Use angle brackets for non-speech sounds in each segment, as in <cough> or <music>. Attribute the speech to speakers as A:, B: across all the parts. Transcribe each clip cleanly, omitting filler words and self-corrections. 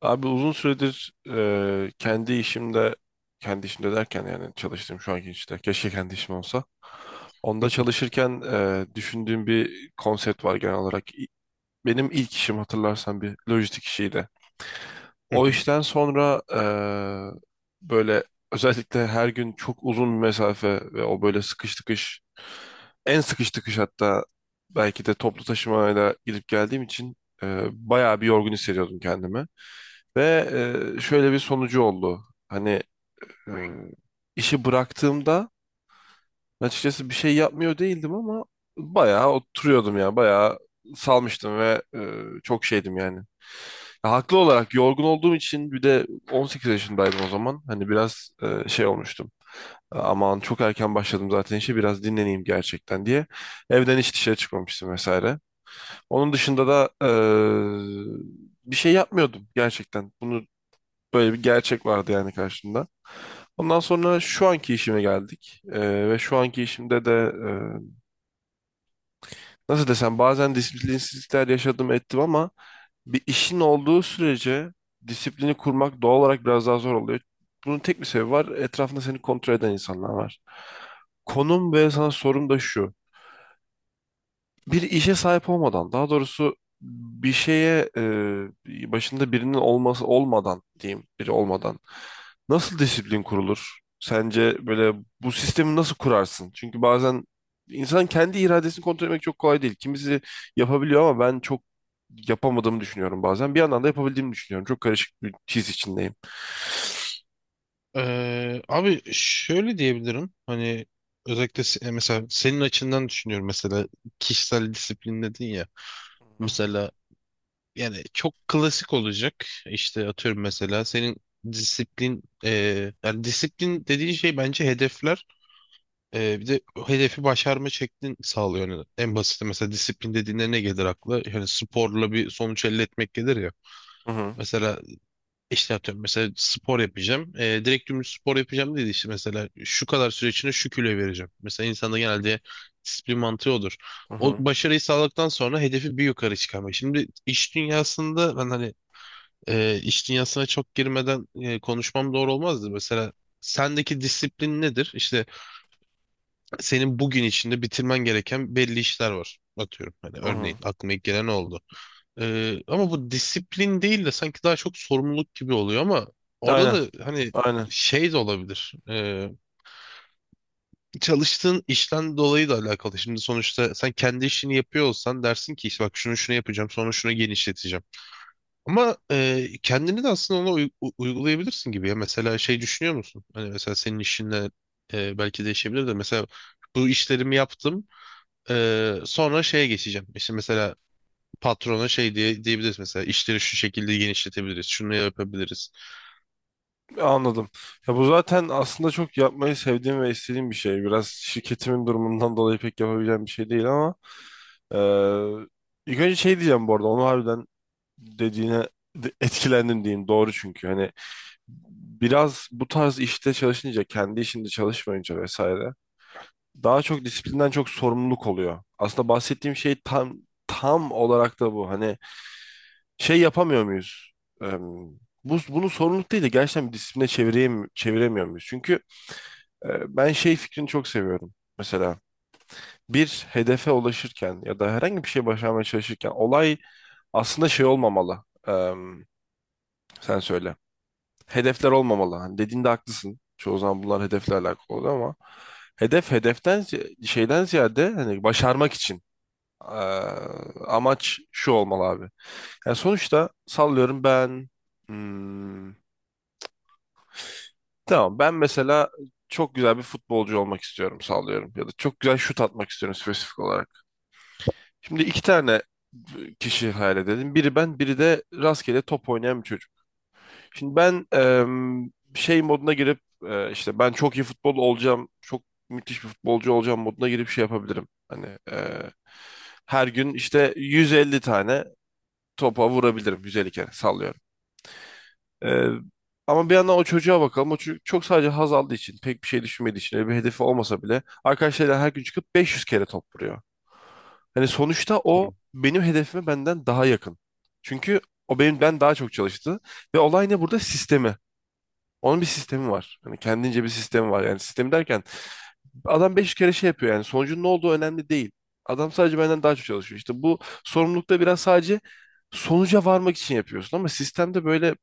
A: Abi uzun süredir kendi işimde, kendi işimde derken yani çalıştığım şu anki işte keşke kendi işim olsa. Onda çalışırken düşündüğüm bir konsept var genel olarak. Benim ilk işim hatırlarsan bir lojistik işiydi.
B: Hı
A: O
B: hı.
A: işten sonra böyle özellikle her gün çok uzun bir mesafe ve o böyle sıkış tıkış, en sıkış tıkış hatta belki de toplu taşımayla gidip geldiğim için bayağı bir yorgun hissediyordum kendimi. Ve şöyle bir sonucu oldu. Hani e, işi bıraktığımda açıkçası bir şey yapmıyor değildim ama bayağı oturuyordum ya. Bayağı salmıştım ve çok şeydim yani. Ya, haklı olarak yorgun olduğum için bir de 18 yaşındaydım o zaman. Hani biraz şey olmuştum. Aman çok erken başladım zaten işe biraz dinleneyim gerçekten diye. Evden hiç dışarı çıkmamıştım vesaire. Onun dışında da bir şey yapmıyordum gerçekten. Böyle bir gerçek vardı yani karşımda. Ondan sonra şu anki işime geldik. Ve şu anki işimde de nasıl desem bazen disiplinsizlikler yaşadım ettim ama bir işin olduğu sürece disiplini kurmak doğal olarak biraz daha zor oluyor. Bunun tek bir sebebi var. Etrafında seni kontrol eden insanlar var. Konum ve sana sorum da şu. Bir işe sahip olmadan, daha doğrusu bir şeye başında birinin olması olmadan diyeyim, biri olmadan nasıl disiplin kurulur? Sence böyle bu sistemi nasıl kurarsın? Çünkü bazen insan kendi iradesini kontrol etmek çok kolay değil. Kimisi yapabiliyor ama ben çok yapamadığımı düşünüyorum bazen. Bir yandan da yapabildiğimi düşünüyorum. Çok karışık bir his içindeyim.
B: Abi şöyle diyebilirim. Hani özellikle mesela senin açından düşünüyorum, mesela kişisel disiplin dedin ya. Mesela, yani çok klasik olacak. İşte atıyorum, mesela senin disiplin e, yani disiplin dediğin şey bence hedefler. Bir de o hedefi başarma şeklin sağlıyor. Yani en basit, mesela disiplin dediğinde ne gelir akla? Yani sporla bir sonuç elde etmek gelir ya.
A: Hı hı
B: Mesela İşte atıyorum, mesela spor yapacağım. Direkt dümdüz spor yapacağım dedi, işte mesela şu kadar süre içinde şu kiloyu vereceğim. Mesela insanda genelde disiplin mantığı olur.
A: hı
B: O
A: hı.
B: başarıyı sağladıktan sonra hedefi bir yukarı çıkarmak. Şimdi iş dünyasında ben iş dünyasına çok girmeden konuşmam doğru olmazdı. Mesela sendeki disiplin nedir? İşte senin bugün içinde bitirmen gereken belli işler var. Atıyorum, hani
A: Hı hı.
B: örneğin aklıma ilk gelen o oldu. Ama bu disiplin değil de sanki daha çok sorumluluk gibi oluyor, ama orada
A: Aynen,
B: da hani
A: aynen.
B: şey de olabilir. Çalıştığın işten dolayı da alakalı. Şimdi sonuçta sen kendi işini yapıyor olsan dersin ki, işte bak şunu şunu yapacağım, sonra şunu genişleteceğim. Ama kendini de aslında ona uygulayabilirsin gibi ya. Mesela şey düşünüyor musun? Hani mesela senin işinle belki değişebilir de mesela bu işlerimi yaptım, sonra şeye geçeceğim. İşte mesela patrona şey diyebiliriz, mesela işleri şu şekilde genişletebiliriz. Şunu yapabiliriz.
A: Anladım. Ya bu zaten aslında çok yapmayı sevdiğim ve istediğim bir şey. Biraz şirketimin durumundan dolayı pek yapabileceğim bir şey değil ama eee ilk önce şey diyeceğim bu arada. Onu harbiden dediğine etkilendim diyeyim. Doğru çünkü. Hani biraz bu tarz işte çalışınca, kendi işinde çalışmayınca vesaire daha çok disiplinden çok sorumluluk oluyor. Aslında bahsettiğim şey tam olarak da bu. Hani şey yapamıyor muyuz? Eee, bunu sorumluluk değil de gerçekten bir disipline çevireyim, çeviremiyor muyuz? Çünkü ben şey fikrini çok seviyorum. Mesela bir hedefe ulaşırken ya da herhangi bir şey başarmaya çalışırken olay aslında şey olmamalı. Sen söyle. Hedefler olmamalı. Hani dediğinde haklısın. Çoğu zaman bunlar hedefle alakalı oluyor ama hedef şeyden ziyade hani başarmak için ee, amaç şu olmalı abi. Yani sonuçta sallıyorum ben hmm, tamam ben mesela çok güzel bir futbolcu olmak istiyorum sallıyorum ya da çok güzel şut atmak istiyorum spesifik olarak. Şimdi iki tane kişi hayal edelim. Biri ben, biri de rastgele top oynayan bir çocuk. Şimdi ben şey moduna girip işte ben çok iyi futbol olacağım, çok müthiş bir futbolcu olacağım moduna girip şey yapabilirim. Hani e, her gün işte 150 tane topa vurabilirim. 150 kere sallıyorum. E, Ama bir yandan o çocuğa bakalım. O çocuk çok sadece haz aldığı için, pek bir şey düşünmediği için, öyle bir hedefi olmasa bile arkadaşlarıyla her gün çıkıp 500 kere top vuruyor. Hani sonuçta o
B: Tamam.
A: benim hedefime benden daha yakın. Çünkü o benim ben daha çok çalıştı ve olay ne burada? Sistemi. Onun bir sistemi var. Hani kendince bir sistemi var. Yani sistemi derken adam beş kere şey yapıyor yani sonucun ne olduğu önemli değil. Adam sadece benden daha çok çalışıyor. İşte bu sorumlulukta biraz sadece sonuca varmak için yapıyorsun ama sistemde böyle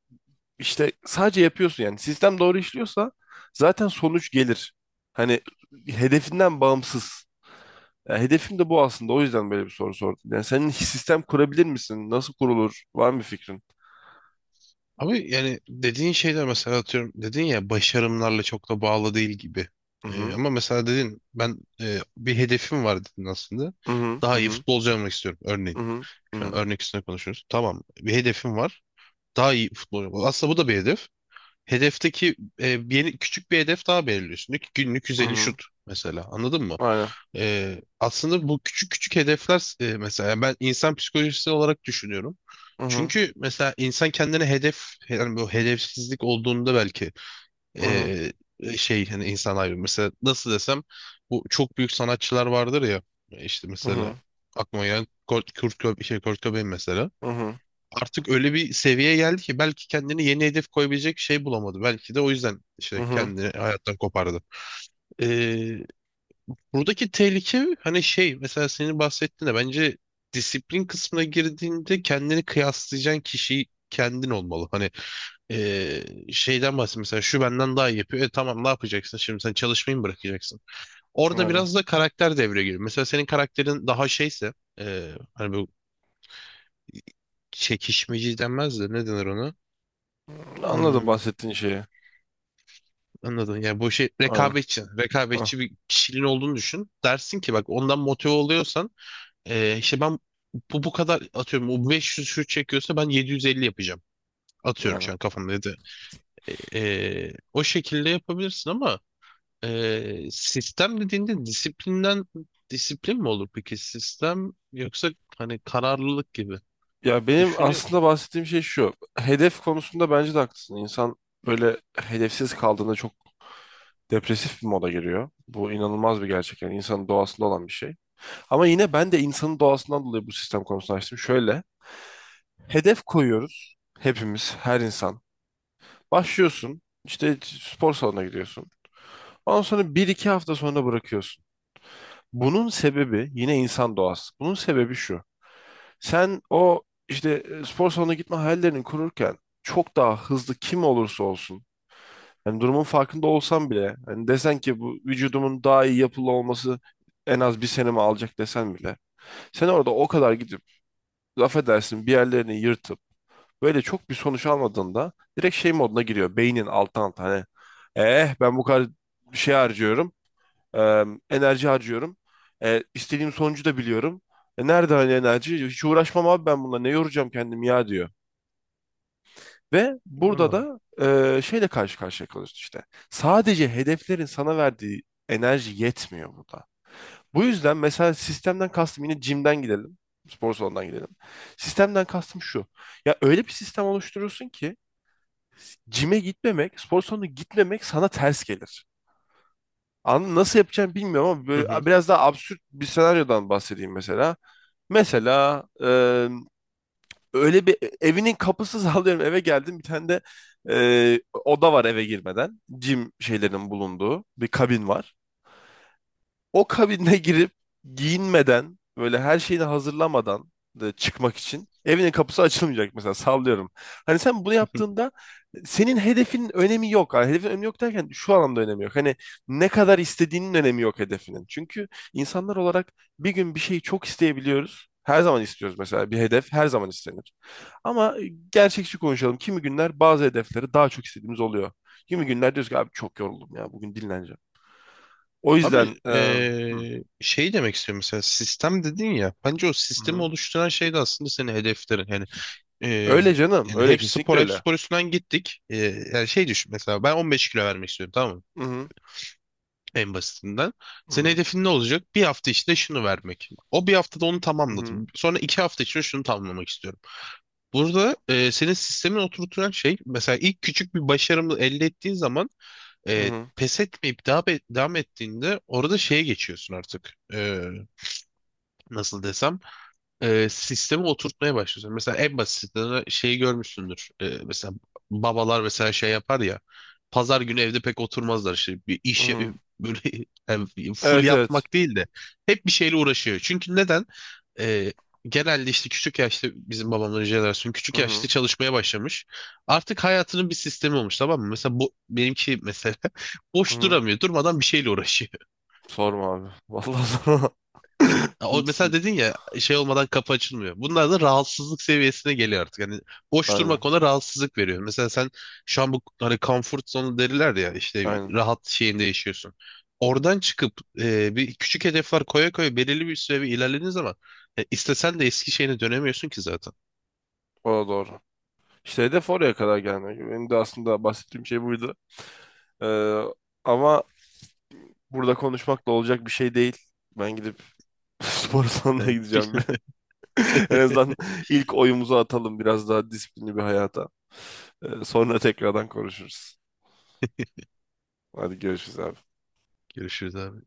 A: işte sadece yapıyorsun yani. Sistem doğru işliyorsa zaten sonuç gelir. Hani hedefinden bağımsız. Ya hedefim de bu aslında. O yüzden böyle bir soru sordum. Yani senin sistem kurabilir misin? Nasıl kurulur? Var mı bir fikrin?
B: Ama yani dediğin şeyler, mesela atıyorum dedin ya, başarımlarla çok da bağlı değil gibi.
A: Hı hı.
B: Ama mesela dedin, ben bir hedefim var dedin aslında.
A: Hı hı. Hı
B: Daha iyi
A: hı.
B: futbolcu olmak istiyorum örneğin.
A: Hı hı. Hı
B: Şu an
A: hı.
B: örnek üstüne konuşuyoruz. Tamam, bir hedefim var. Daha iyi Aslında bu da bir hedef. Hedefteki bir yeni, küçük bir hedef daha belirliyorsun. Diyor ki günlük
A: Hı
B: 150
A: hı.
B: şut mesela, anladın mı?
A: Aynen.
B: Aslında bu küçük küçük hedefler, mesela yani ben insan psikolojisi olarak düşünüyorum.
A: Hı hı.
B: Çünkü mesela insan kendine hedef, yani bu hedefsizlik olduğunda belki
A: Hı hı.
B: e, şey, hani insan ayrı, mesela nasıl desem, bu çok büyük sanatçılar vardır ya. İşte
A: Hı
B: mesela
A: hı.
B: aklıma gelen Kurt Cobain mesela,
A: Hı hı.
B: artık öyle bir seviyeye geldi ki belki kendine yeni hedef koyabilecek şey bulamadı. Belki de o yüzden
A: Hı
B: işte
A: hı.
B: kendini hayattan kopardı. Buradaki tehlike hani şey, mesela senin bahsettiğinde bence disiplin kısmına girdiğinde kendini kıyaslayacağın kişi kendin olmalı. Hani eee, şeyden bahsediyorum, mesela şu benden daha iyi yapıyor. E tamam, ne yapacaksın şimdi, sen çalışmayı mı bırakacaksın? Orada
A: Aynen.
B: biraz da karakter devreye giriyor. Mesela senin karakterin daha şeyse hani bu çekişmeci denmez de ne denir ona?
A: Anladım
B: Hmm,
A: bahsettiğin şeyi.
B: anladın. Yani bu şey,
A: Aynen.
B: rekabetçi.
A: Hah,
B: Rekabetçi bir kişiliğin olduğunu düşün. Dersin ki bak, ondan motive oluyorsan, işte ben bu kadar atıyorum, o 500 şut çekiyorsa ben 750 yapacağım. Atıyorum,
A: aynen.
B: şu an kafamda dedi. O şekilde yapabilirsin ama sistem dediğinde disiplin mi olur peki sistem, yoksa hani kararlılık gibi
A: Ya benim
B: düşünüyorum.
A: aslında bahsettiğim şey şu. Hedef konusunda bence de haklısın. İnsan böyle hedefsiz kaldığında çok depresif bir moda giriyor. Bu inanılmaz bir gerçek. Yani insanın doğasında olan bir şey. Ama yine ben de insanın doğasından dolayı bu sistem konusunu açtım. Şöyle. Hedef koyuyoruz hepimiz, her insan. Başlıyorsun, işte spor salonuna gidiyorsun. Ondan sonra bir iki hafta sonra bırakıyorsun. Bunun sebebi yine insan doğası. Bunun sebebi şu. Sen o işte spor salonuna gitme hayallerini kururken çok daha hızlı kim olursa olsun. Yani durumun farkında olsan bile hani desen ki bu vücudumun daha iyi yapılı olması en az bir senemi alacak desen bile. Sen orada o kadar gidip laf edersin bir yerlerini yırtıp böyle çok bir sonuç almadığında direkt şey moduna giriyor. Beynin alttan alta hani eh ben bu kadar şey harcıyorum. e, Enerji harcıyorum. İstediğim sonucu da biliyorum. Nerede hani enerji? Hiç uğraşmam abi ben bununla. Ne yoracağım kendimi ya diyor. Ve burada
B: Anladım.
A: da şeyle karşı karşıya kalıyorsun işte. Sadece hedeflerin sana verdiği enerji yetmiyor burada. Bu yüzden mesela sistemden kastım yine jimden gidelim. Spor salonundan gidelim. Sistemden kastım şu. Ya öyle bir sistem oluşturursun ki Cime gitmemek, spor salonuna gitmemek sana ters gelir. Anladın? Nasıl yapacağım bilmiyorum ama
B: Hı hı.
A: böyle biraz daha absürt bir senaryodan bahsedeyim mesela. Mesela öyle bir evinin kapısı <laughs> sallıyorum eve geldim bir tane de oda var eve girmeden. Cim şeylerin bulunduğu bir kabin var. O kabine girip giyinmeden böyle her şeyini hazırlamadan da çıkmak için evinin kapısı açılmayacak mesela sallıyorum. Hani sen bunu
B: <laughs>
A: yaptığında senin hedefinin önemi yok. Yani hedefin önemi yok derken şu anlamda önemi yok. Hani ne kadar istediğinin önemi yok hedefinin. Çünkü insanlar olarak bir gün bir şeyi çok isteyebiliyoruz. Her zaman istiyoruz mesela bir hedef her zaman istenir. Ama gerçekçi konuşalım. Kimi günler bazı hedefleri daha çok istediğimiz oluyor. Kimi günler diyoruz ki abi çok yoruldum ya bugün dinleneceğim. O yüzden
B: Abi şey demek istiyorum, mesela sistem dedin ya, bence o sistemi
A: Hı-hı.
B: oluşturan şey de aslında senin hedeflerin. Hani
A: Öyle
B: Ee,
A: canım.
B: yani
A: Öyle kesinlikle
B: hep
A: öyle.
B: spor üstünden gittik. Yani şey düşün, mesela ben 15 kilo vermek istiyorum, tamam mı?
A: Hı-hı.
B: En basitinden. Senin
A: Hı-hı.
B: hedefin ne olacak? Bir hafta içinde şunu vermek. O bir haftada onu
A: Hı-hı.
B: tamamladım. Sonra iki hafta içinde şunu tamamlamak istiyorum. Burada senin sistemin oturtulan şey, mesela ilk küçük bir başarımı elde ettiğin zaman
A: Hı-hı.
B: pes etmeyip devam ettiğinde orada şeye geçiyorsun artık. Nasıl desem? Sistemi oturtmaya başlıyorsun. Mesela en basitinden şeyi görmüşsündür. Mesela babalar mesela şey yapar ya. Pazar günü evde pek oturmazlar, işte bir iş
A: Hı-hı.
B: böyle <laughs> yani full
A: Evet, evet.
B: yatmak değil de hep bir şeyle uğraşıyor. Çünkü neden? E, Genelde işte küçük yaşta bizim babamların jenerasyonu küçük yaşta
A: Hı-hı.
B: çalışmaya başlamış. Artık hayatının bir sistemi olmuş, tamam mı? Mesela bu benimki mesela <laughs> boş
A: Hı-hı.
B: duramıyor. Durmadan bir şeyle uğraşıyor.
A: Sorma abi. <laughs> Vallahi sorma.
B: Ya, o
A: Büyük
B: mesela
A: sıkıntı.
B: dedin ya, şey olmadan kapı açılmıyor. Bunlar da rahatsızlık seviyesine geliyor artık. Yani boş
A: Aynen.
B: durmak ona rahatsızlık veriyor. Mesela sen şu an bu hani comfort zone derler ya, işte
A: Aynen.
B: rahat şeyinde yaşıyorsun. Oradan çıkıp bir küçük hedefler koya koya belirli bir süre bir ilerlediğin zaman istesen de eski şeyine dönemiyorsun ki zaten.
A: O da doğru. İşte hedef oraya kadar gelmek. Benim de aslında bahsettiğim şey buydu. Ee, ama burada konuşmakla olacak bir şey değil. Ben gidip <laughs> spor salonuna
B: Yani
A: gideceğim.
B: <laughs>
A: Bir. <laughs> En azından ilk oyumuzu atalım biraz daha disiplinli bir hayata. Sonra tekrardan konuşuruz. Hadi görüşürüz abi.
B: görüşürüz abi.